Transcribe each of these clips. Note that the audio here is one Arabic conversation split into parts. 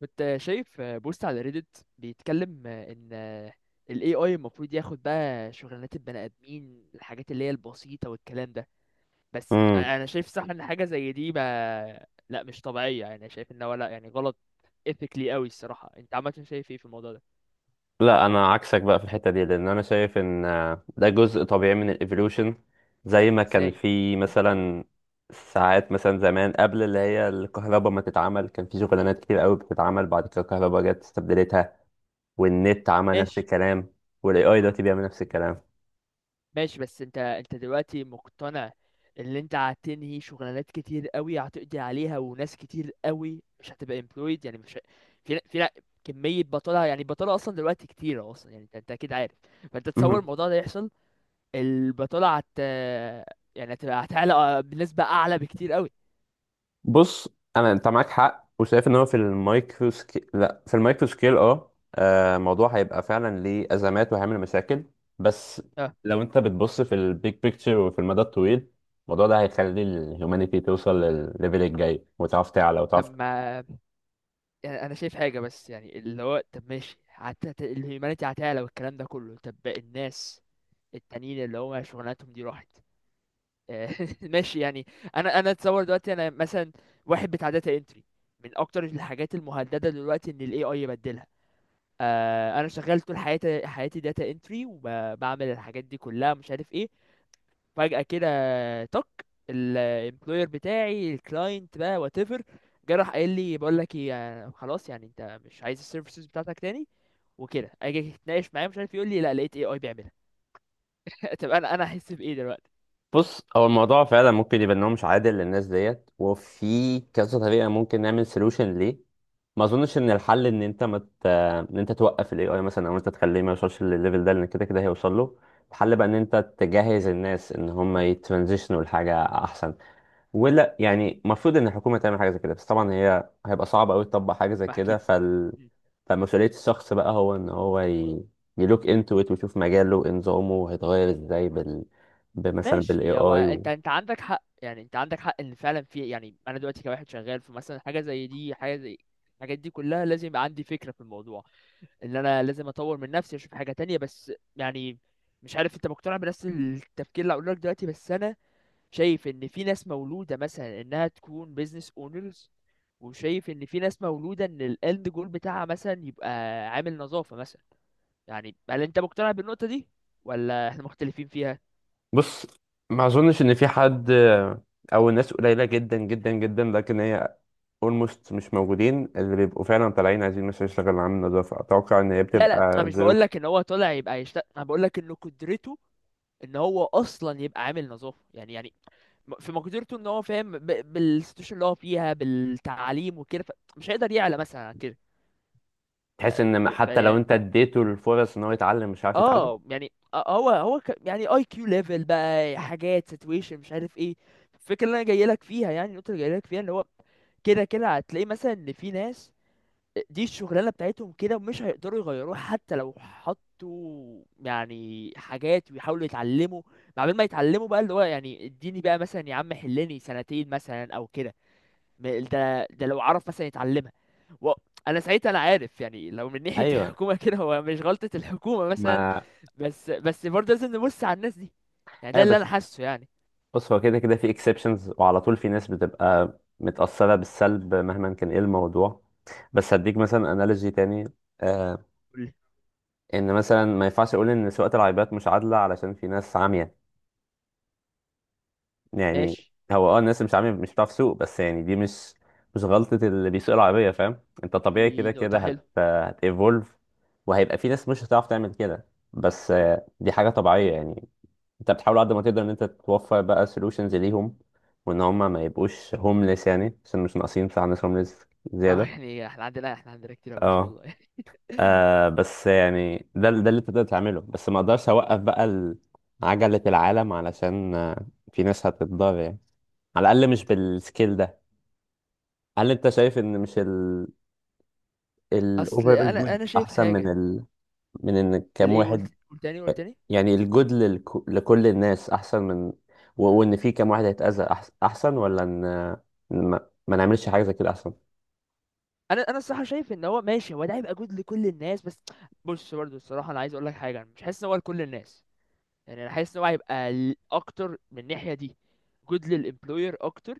كنت شايف بوست على ريدت بيتكلم ان ال AI المفروض ياخد بقى شغلانات البني ادمين، الحاجات اللي هي البسيطة والكلام ده. بس امم انا شايف صح ان حاجة زي دي ما لا مش طبيعية، يعني شايف ان هو لا يعني غلط ethically قوي الصراحة. انت عامة شايف ايه في الموضوع ده؟ لا، انا عكسك بقى في الحته دي، لان انا شايف ان ده جزء طبيعي من الايفولوشن. زي ما كان ازاي؟ في مثلا ساعات، مثلا زمان قبل اللي هي الكهرباء ما تتعمل كان في شغلانات كتير قوي بتتعمل، بعد كده الكهرباء جت استبدلتها، والنت عمل نفس ماشي. الكلام، والاي اي دلوقتي بيعمل نفس الكلام. ماشي. بس انت دلوقتي مقتنع ان انت هتنهي شغلانات كتير قوي، هتقضي عليها وناس كتير قوي مش هتبقى employed، يعني مش ه- في كمية بطالة. يعني البطالة أصلا دلوقتي كتيرة أصلا، يعني أنت أكيد عارف. فأنت تصور الموضوع ده يحصل؟ البطالة هت يعني هتعلى بنسبة أعلى بكتير قوي. بص، انت معاك حق، وشايف ان هو في المايكرو سكيل، لا في المايكرو سكيل، الموضوع هيبقى فعلا ليه ازمات وهيعمل مشاكل. بس اه. لو انت بتبص في البيج بيكتشر وفي المدى الطويل، الموضوع ده هيخلي الهيومانيتي توصل للليفل الجاي، وتعرف تعلى طب وتعرف. ما يعني أنا شايف حاجة، بس يعني اللي هو طب ماشي الهيومانيتي هتعلى والكلام ده كله. طب الناس التانيين اللي هو شغلانتهم دي راحت. ماشي يعني. انا اتصور دلوقتي انا مثلا واحد بتاع داتا انتري، من اكتر الحاجات المهدده دلوقتي ان الاي اي يبدلها. آه انا شغال طول حياتي داتا انتري وبعمل الحاجات دي كلها، مش عارف ايه. فجاه كده تك الامبلوير بتاعي، الكلاينت بقى، وات ايفر، راح قايل لي بقول لك ايه، خلاص يعني انت مش عايز السيرفيسز بتاعتك تاني. وكده اجي اتناقش معاه، مش عارف، يقول لي لا لقيت اي اي بيعملها. طب انا احس بايه دلوقتي؟ بص، هو الموضوع فعلا ممكن يبقى ان هو مش عادل للناس ديت، وفي كذا طريقه ممكن نعمل سولوشن ليه. ما اظنش ان الحل ان انت ان انت توقف الاي اي مثلا، او انت تخليه ما يوصلش للليفل ده، لان كده كده هيوصل له. الحل بقى ان انت تجهز الناس ان هم يترانزيشنوا لحاجه احسن. ولا يعني المفروض ان الحكومه تعمل حاجه زي كده، بس طبعا هي هيبقى صعب قوي تطبق حاجه زي ما كده اكيد. فمسؤوليه الشخص بقى هو ان يلوك انتو ات، ويشوف مجاله نظامه هيتغير ازاي مثلا بالاي ماشي. هو اي انت عندك حق، يعني انت عندك حق ان فعلا في، يعني انا دلوقتي كواحد شغال في مثلا حاجه زي دي، حاجه زي الحاجات دي كلها، لازم يبقى عندي فكره في الموضوع ان انا لازم اطور من نفسي، اشوف حاجه تانية. بس يعني مش عارف انت مقتنع بنفس التفكير اللي هقوله لك دلوقتي؟ بس انا شايف ان في ناس مولوده مثلا انها تكون بيزنس اونرز، وشايف ان في ناس مولوده ان الاند جول بتاعها مثلا يبقى عامل نظافه مثلا. يعني هل انت مقتنع بالنقطه دي، ولا احنا مختلفين فيها؟ بص، ما اظنش ان في حد، او الناس قليله جدا جدا جدا، لكن هي اولموست مش موجودين، اللي بيبقوا فعلا طالعين عايزين مثلا يشتغل عامل نظافة. اتوقع ان هي لا لا، انا بتبقى مش بقول ظروف. لك ان هو طالع يبقى يشتغل، انا بقول لك انه قدرته ان هو اصلا يبقى عامل نظافه يعني. يعني في مقدرته ان هو فاهم بالسيتويشن اللي هو فيها، بالتعليم وكده، مش هيقدر يعلى مثلا عن كده. تحس ان حتى لو يعني انت اديته الفرص ان هو يتعلم مش عارف يتعلم؟ اه. يعني هو يعني اي كيو ليفل بقى، حاجات سيتويشن، مش عارف ايه. الفكره اللي انا جاي لك فيها، يعني النقطه اللي جاي لك فيها، ان هو كده كده هتلاقي مثلا ان في ناس دي الشغلانة بتاعتهم كده، ومش هيقدروا يغيروها حتى لو حطوا يعني حاجات ويحاولوا يتعلموا. مع بال ما يتعلموا بقى، اللي هو يعني اديني بقى مثلا يا عم حلني سنتين مثلا او كده، ده لو عرف مثلا يتعلمها و... انا ساعتها انا عارف يعني لو من ناحية ايوه، الحكومة كده، هو مش غلطة الحكومة مثلا. ما بس برضه لازم نبص على الناس دي، يعني ده ايوه. اللي انا بس حاسه يعني. بص، هو كده كده في اكسبشنز، وعلى طول في ناس بتبقى متأثرة بالسلب مهما كان ايه الموضوع. بس هديك مثلا انالوجي تاني. آه، قول لي. ان مثلا ما ينفعش اقول ان سواقة العربيات مش عادلة علشان في ناس عامية، يعني ماشي. هو اه الناس اللي مش عامل مش بتعرف تسوق، بس يعني دي مش غلطة اللي بيسوق العربية، فاهم انت؟ طبيعي كده دي كده نقطة حلوة. هت evolve، وهيبقى في ناس مش هتعرف تعمل كده. بس آه، دي حاجة طبيعية يعني. انت بتحاول قد ما تقدر ان انت توفر بقى solutions ليهم، وان هم ما يبقوش homeless، يعني عشان مش ناقصين بتاع ناس homeless اه زيادة. يعني احنا عندنا، كتير أوي ما شاء اه الله يعني. بس يعني ده اللي انت تقدر تعمله، بس ما اقدرش اوقف بقى عجلة العالم علشان في ناس هتتضرر يعني، على الاقل مش بالسكيل ده. هل انت شايف ان مش ال اصل الاوفرال انا جود انا شايف احسن من حاجه. ال، من ان كام الايه؟ واحد؟ قلت؟ قلت تاني؟ يعني الجود لكل الناس احسن من، وان في كام واحد هيتأذى احسن، ولا ان إن ما... ما نعملش حاجه زي كده احسن؟ انا الصراحه شايف ان هو ماشي، هو ده هيبقى جود لكل الناس. بس بص برضو الصراحه انا عايز اقول لك حاجه، انا مش حاسس ان هو لكل الناس، يعني انا حاسس ان هو هيبقى اكتر من الناحيه دي جود للامبلوير اكتر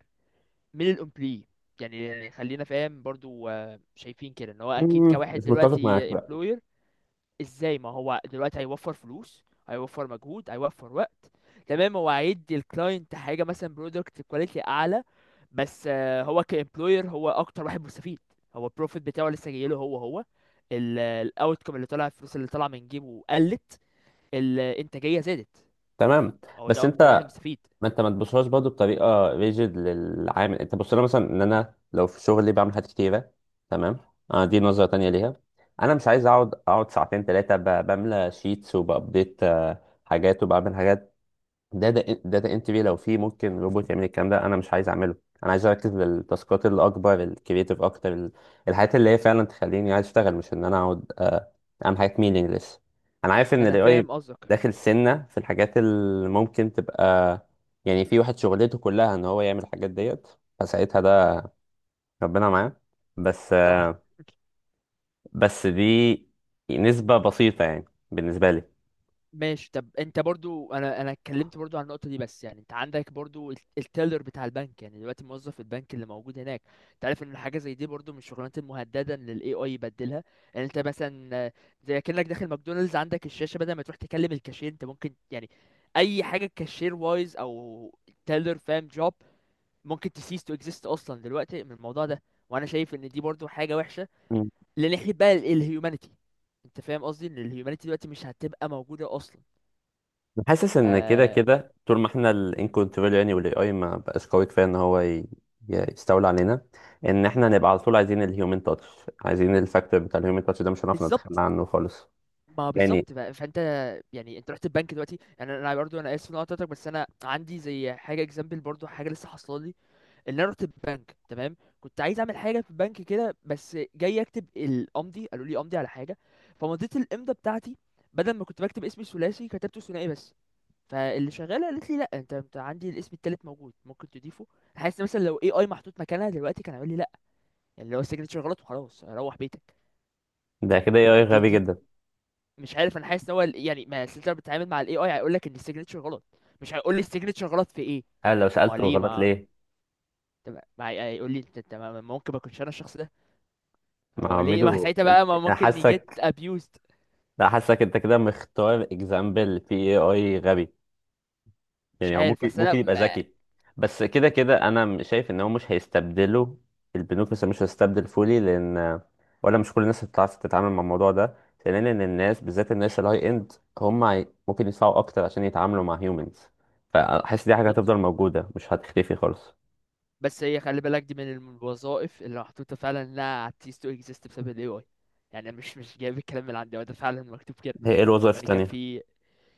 من الامبلوي. يعني خلينا فاهم برضو، شايفين كده ان هو اكيد مم. مش كواحد متفق معاك، دلوقتي لا. employer. ازاي؟ ما هو دلوقتي هيوفر فلوس، هيوفر مجهود، هيوفر وقت. تمام هو هيدي الكلاينت حاجه مثلا برودكت كواليتي اعلى، بس هو كامبلوير هو اكتر واحد مستفيد. هو البروفيت بتاعه لسه جايله. هو هو الاوتكم اللي طلع، الفلوس اللي طالعه من جيبه قلت، الانتاجيه زادت. تمام. هو بس ده اكتر انت، واحد مستفيد. ما انت ما تبصلهاش برضه بطريقه ريجيد للعامل. انت بص لها مثلا ان انا لو في شغلي بعمل حاجات كتيره. تمام. اه دي نظره تانية ليها. انا مش عايز اقعد ساعتين ثلاثه بملى شيتس وبابديت حاجات، وبعمل حاجات، داتا انتري. لو في ممكن روبوت يعمل الكلام ده انا مش عايز اعمله. انا عايز اركز للتاسكات اللي اكبر، الكرييتيف اكتر، الحاجات اللي هي فعلا تخليني عايز اشتغل، مش ان انا اقعد اعمل حاجات مينينجلس. انا عارف ما ان انا الاي اي فاهم قصدك. داخل سنه في الحاجات اللي ممكن تبقى، يعني في واحد شغلته كلها ان هو يعمل الحاجات ديت، فساعتها ده ربنا معاه. بس اه آه، بس دي نسبه بسيطه يعني، بالنسبه لي. ماشي. طب انت برضو، انا اتكلمت برضو عن النقطه دي. بس يعني انت عندك برضو التيلر بتاع البنك، يعني دلوقتي موظف البنك اللي موجود هناك، انت عارف ان حاجه زي دي برضو من الشغلانات المهدده ان الاي اي يبدلها. يعني انت مثلا زي كانك داخل ماكدونالدز، عندك الشاشه بدل ما تروح تكلم الكاشير، انت ممكن يعني اي حاجه كاشير وايز، او تيلر، فاهم، جوب، ممكن تسيس تو اكزيست اصلا دلوقتي من الموضوع ده. وانا شايف ان دي برضو حاجه وحشه لناحيه بقى الهيومانيتي. انت فاهم قصدي ان الهيومانيتي دلوقتي مش هتبقى موجوده اصلا. حاسس ف. ان كده كده طول ما احنا الان كنترول، يعني والاي اي ما بقاش قوي كفايه ان يستولى علينا، ان احنا نبقى على طول عايزين الهيومن تاتش، عايزين الفاكتور بتاع الهيومن تاتش ده، مش هنعرف نتخلى بالظبط. عنه خالص. ما هو يعني بالظبط بقى، فانت. يعني انت رحت البنك دلوقتي، يعني انا برضو انا اسف ان انا قطعتك، بس انا عندي زي حاجه اكزامبل، برضو حاجه لسه حاصله لي ان انا رحت البنك. تمام، كنت عايز اعمل حاجه في البنك كده، بس جاي اكتب الامضي قالوا لي امضي على حاجه، فمضيت الامضه بتاعتي، بدل ما كنت بكتب اسمي الثلاثي كتبته ثنائي بس. فاللي شغاله قالت لي لا انت عندي الاسم التالت موجود ممكن تضيفه. حاسس مثلا لو اي اي محطوط مكانها دلوقتي كان هيقول لي لا، يعني اللي هو السيجنتشر غلط وخلاص روح بيتك. ف- ده كده اي اي فدي غبي جدا. مش عارف، انا حاسس ان هو يعني ما السيلتر بتتعامل مع الاي اي هيقول لك ان السيجنتشر غلط، مش هيقول لي السيجنتشر غلط في ايه. انا لو ما هو سالته ليه غلط ما، ليه؟ ما هيقول لي انت ممكن ما اكونش انا الشخص ده. ما هو هو ليه ما ميدو ساعتها بقى ما انا ممكن يجيت حاسك، abused. انا حاسك انت كده مختار اكزامبل في اي اي غبي. مش يعني هو عارف ممكن بس ممكن انا يبقى ذكي. بس كده كده انا شايف ان هو مش هيستبدله. البنوك مش هيستبدل فولي، لان ولا مش كل الناس هتعرف تتعامل مع الموضوع ده. ثانيا ان الناس، بالذات الناس الهاي اند، ممكن يدفعوا اكتر عشان يتعاملوا مع هيومنز. فحاسس دي حاجه بالظبط. هتفضل موجوده، مش هتختفي خالص. بس هي خلي بالك دي من الوظائف اللي محطوطه فعلا انها هتcease to exist بسبب الاي اي. يعني أنا مش جايب الكلام من عندي، هو ده فعلا مكتوب كده. هي ايه الوظائف يعني كان التانية؟ في،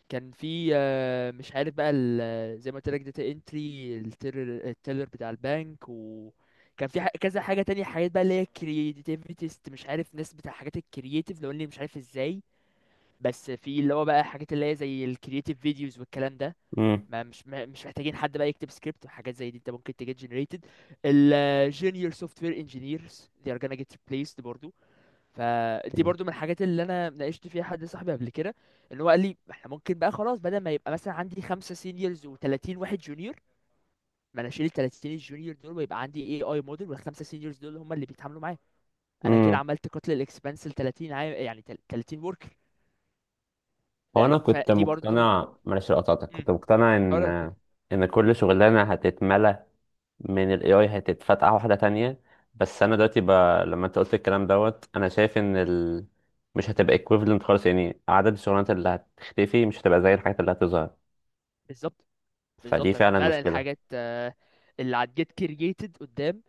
مش عارف بقى زي ما قلت لك داتا انتري، التيلر بتاع البنك، وكان في كذا حاجه تانية، حاجات بقى اللي هي كرياتيفيتيست، مش عارف، ناس بتاع حاجات الكرياتيف لو اني مش عارف ازاي. بس في اللي هو بقى حاجات اللي هي زي الكرياتيف فيديوز والكلام ده. امم ما مش مش محتاجين حد بقى يكتب سكريبت وحاجات زي دي، انت ممكن تجيت جنريتد. الجونيور سوفت وير انجينيرز they are gonna get replaced برضو. فدي برضو من الحاجات اللي انا ناقشت فيها حد صاحبي قبل كده، ان هو قال لي احنا ممكن بقى خلاص بدل ما يبقى مثلا عندي خمسة سينيورز و30 واحد جونيور، ما انا اشيل ال 30 الجونيور دول، ويبقى عندي اي اي موديل، والخمسه سينيورز دول هم اللي بيتعاملوا معايا. انا كده امم عملت قتل الاكسبانس ل 30 عام، يعني 30 وركر. هو انا كنت فدي برضو. مقتنع، معلش لو قطعتك، كنت امم، مقتنع اه ان، لا اتفضل. ان كل شغلانه هتتملى من ال AI هتتفتح واحدة تانية. بس أنا دلوقتي لما أنت قلت الكلام دوت، أنا شايف إن مش هتبقى equivalent خالص، يعني عدد الشغلانات اللي هتختفي مش هتبقى زي الحاجات اللي هتظهر. بالظبط. فدي بالظبط عشان فعلا فعلا مشكلة. الحاجات اللي هتجيت كرييتد قدام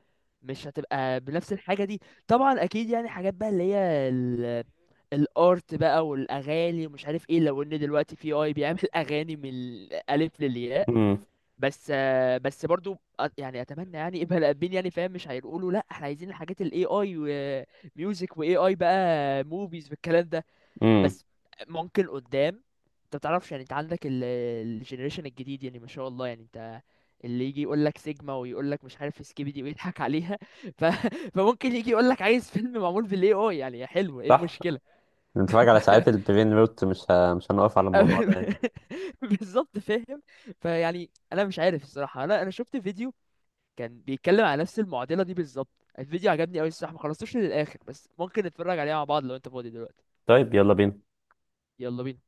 مش هتبقى بنفس الحاجة دي. طبعا اكيد يعني حاجات بقى اللي هي الارت بقى والاغاني ومش عارف ايه، لو ان دلوقتي في اي بيعمل اغاني من الالف للياء. امم بس بس برضو يعني اتمنى يعني يبقى الابين، يعني فاهم، مش هيقولوا لا احنا عايزين الحاجات الاي اي وميوزك واي اي بقى موفيز والكلام ده. امم بس ممكن قدام انت متعرفش، يعني انت عندك الجنريشن الجديد يعني ما شاء الله، يعني انت اللي يجي يقول لك سيجما، ويقول لك مش عارف سكيبي دي، ويضحك عليها. ف... فممكن يجي يقول لك عايز فيلم معمول بالاي اي، يعني يا حلو ايه صح. المشكله. نتفرج على ف... ساعات البرين روت، مش مش هنقف على الموضوع ده يعني. بالظبط فاهم. فيعني انا مش عارف الصراحه، انا شفت فيديو كان بيتكلم على نفس المعضله دي بالظبط. الفيديو عجبني قوي الصراحه، ما خلصتوش للاخر، بس ممكن نتفرج عليه مع بعض لو انت فاضي دلوقتي. طيب يلا بينا. يلا بينا.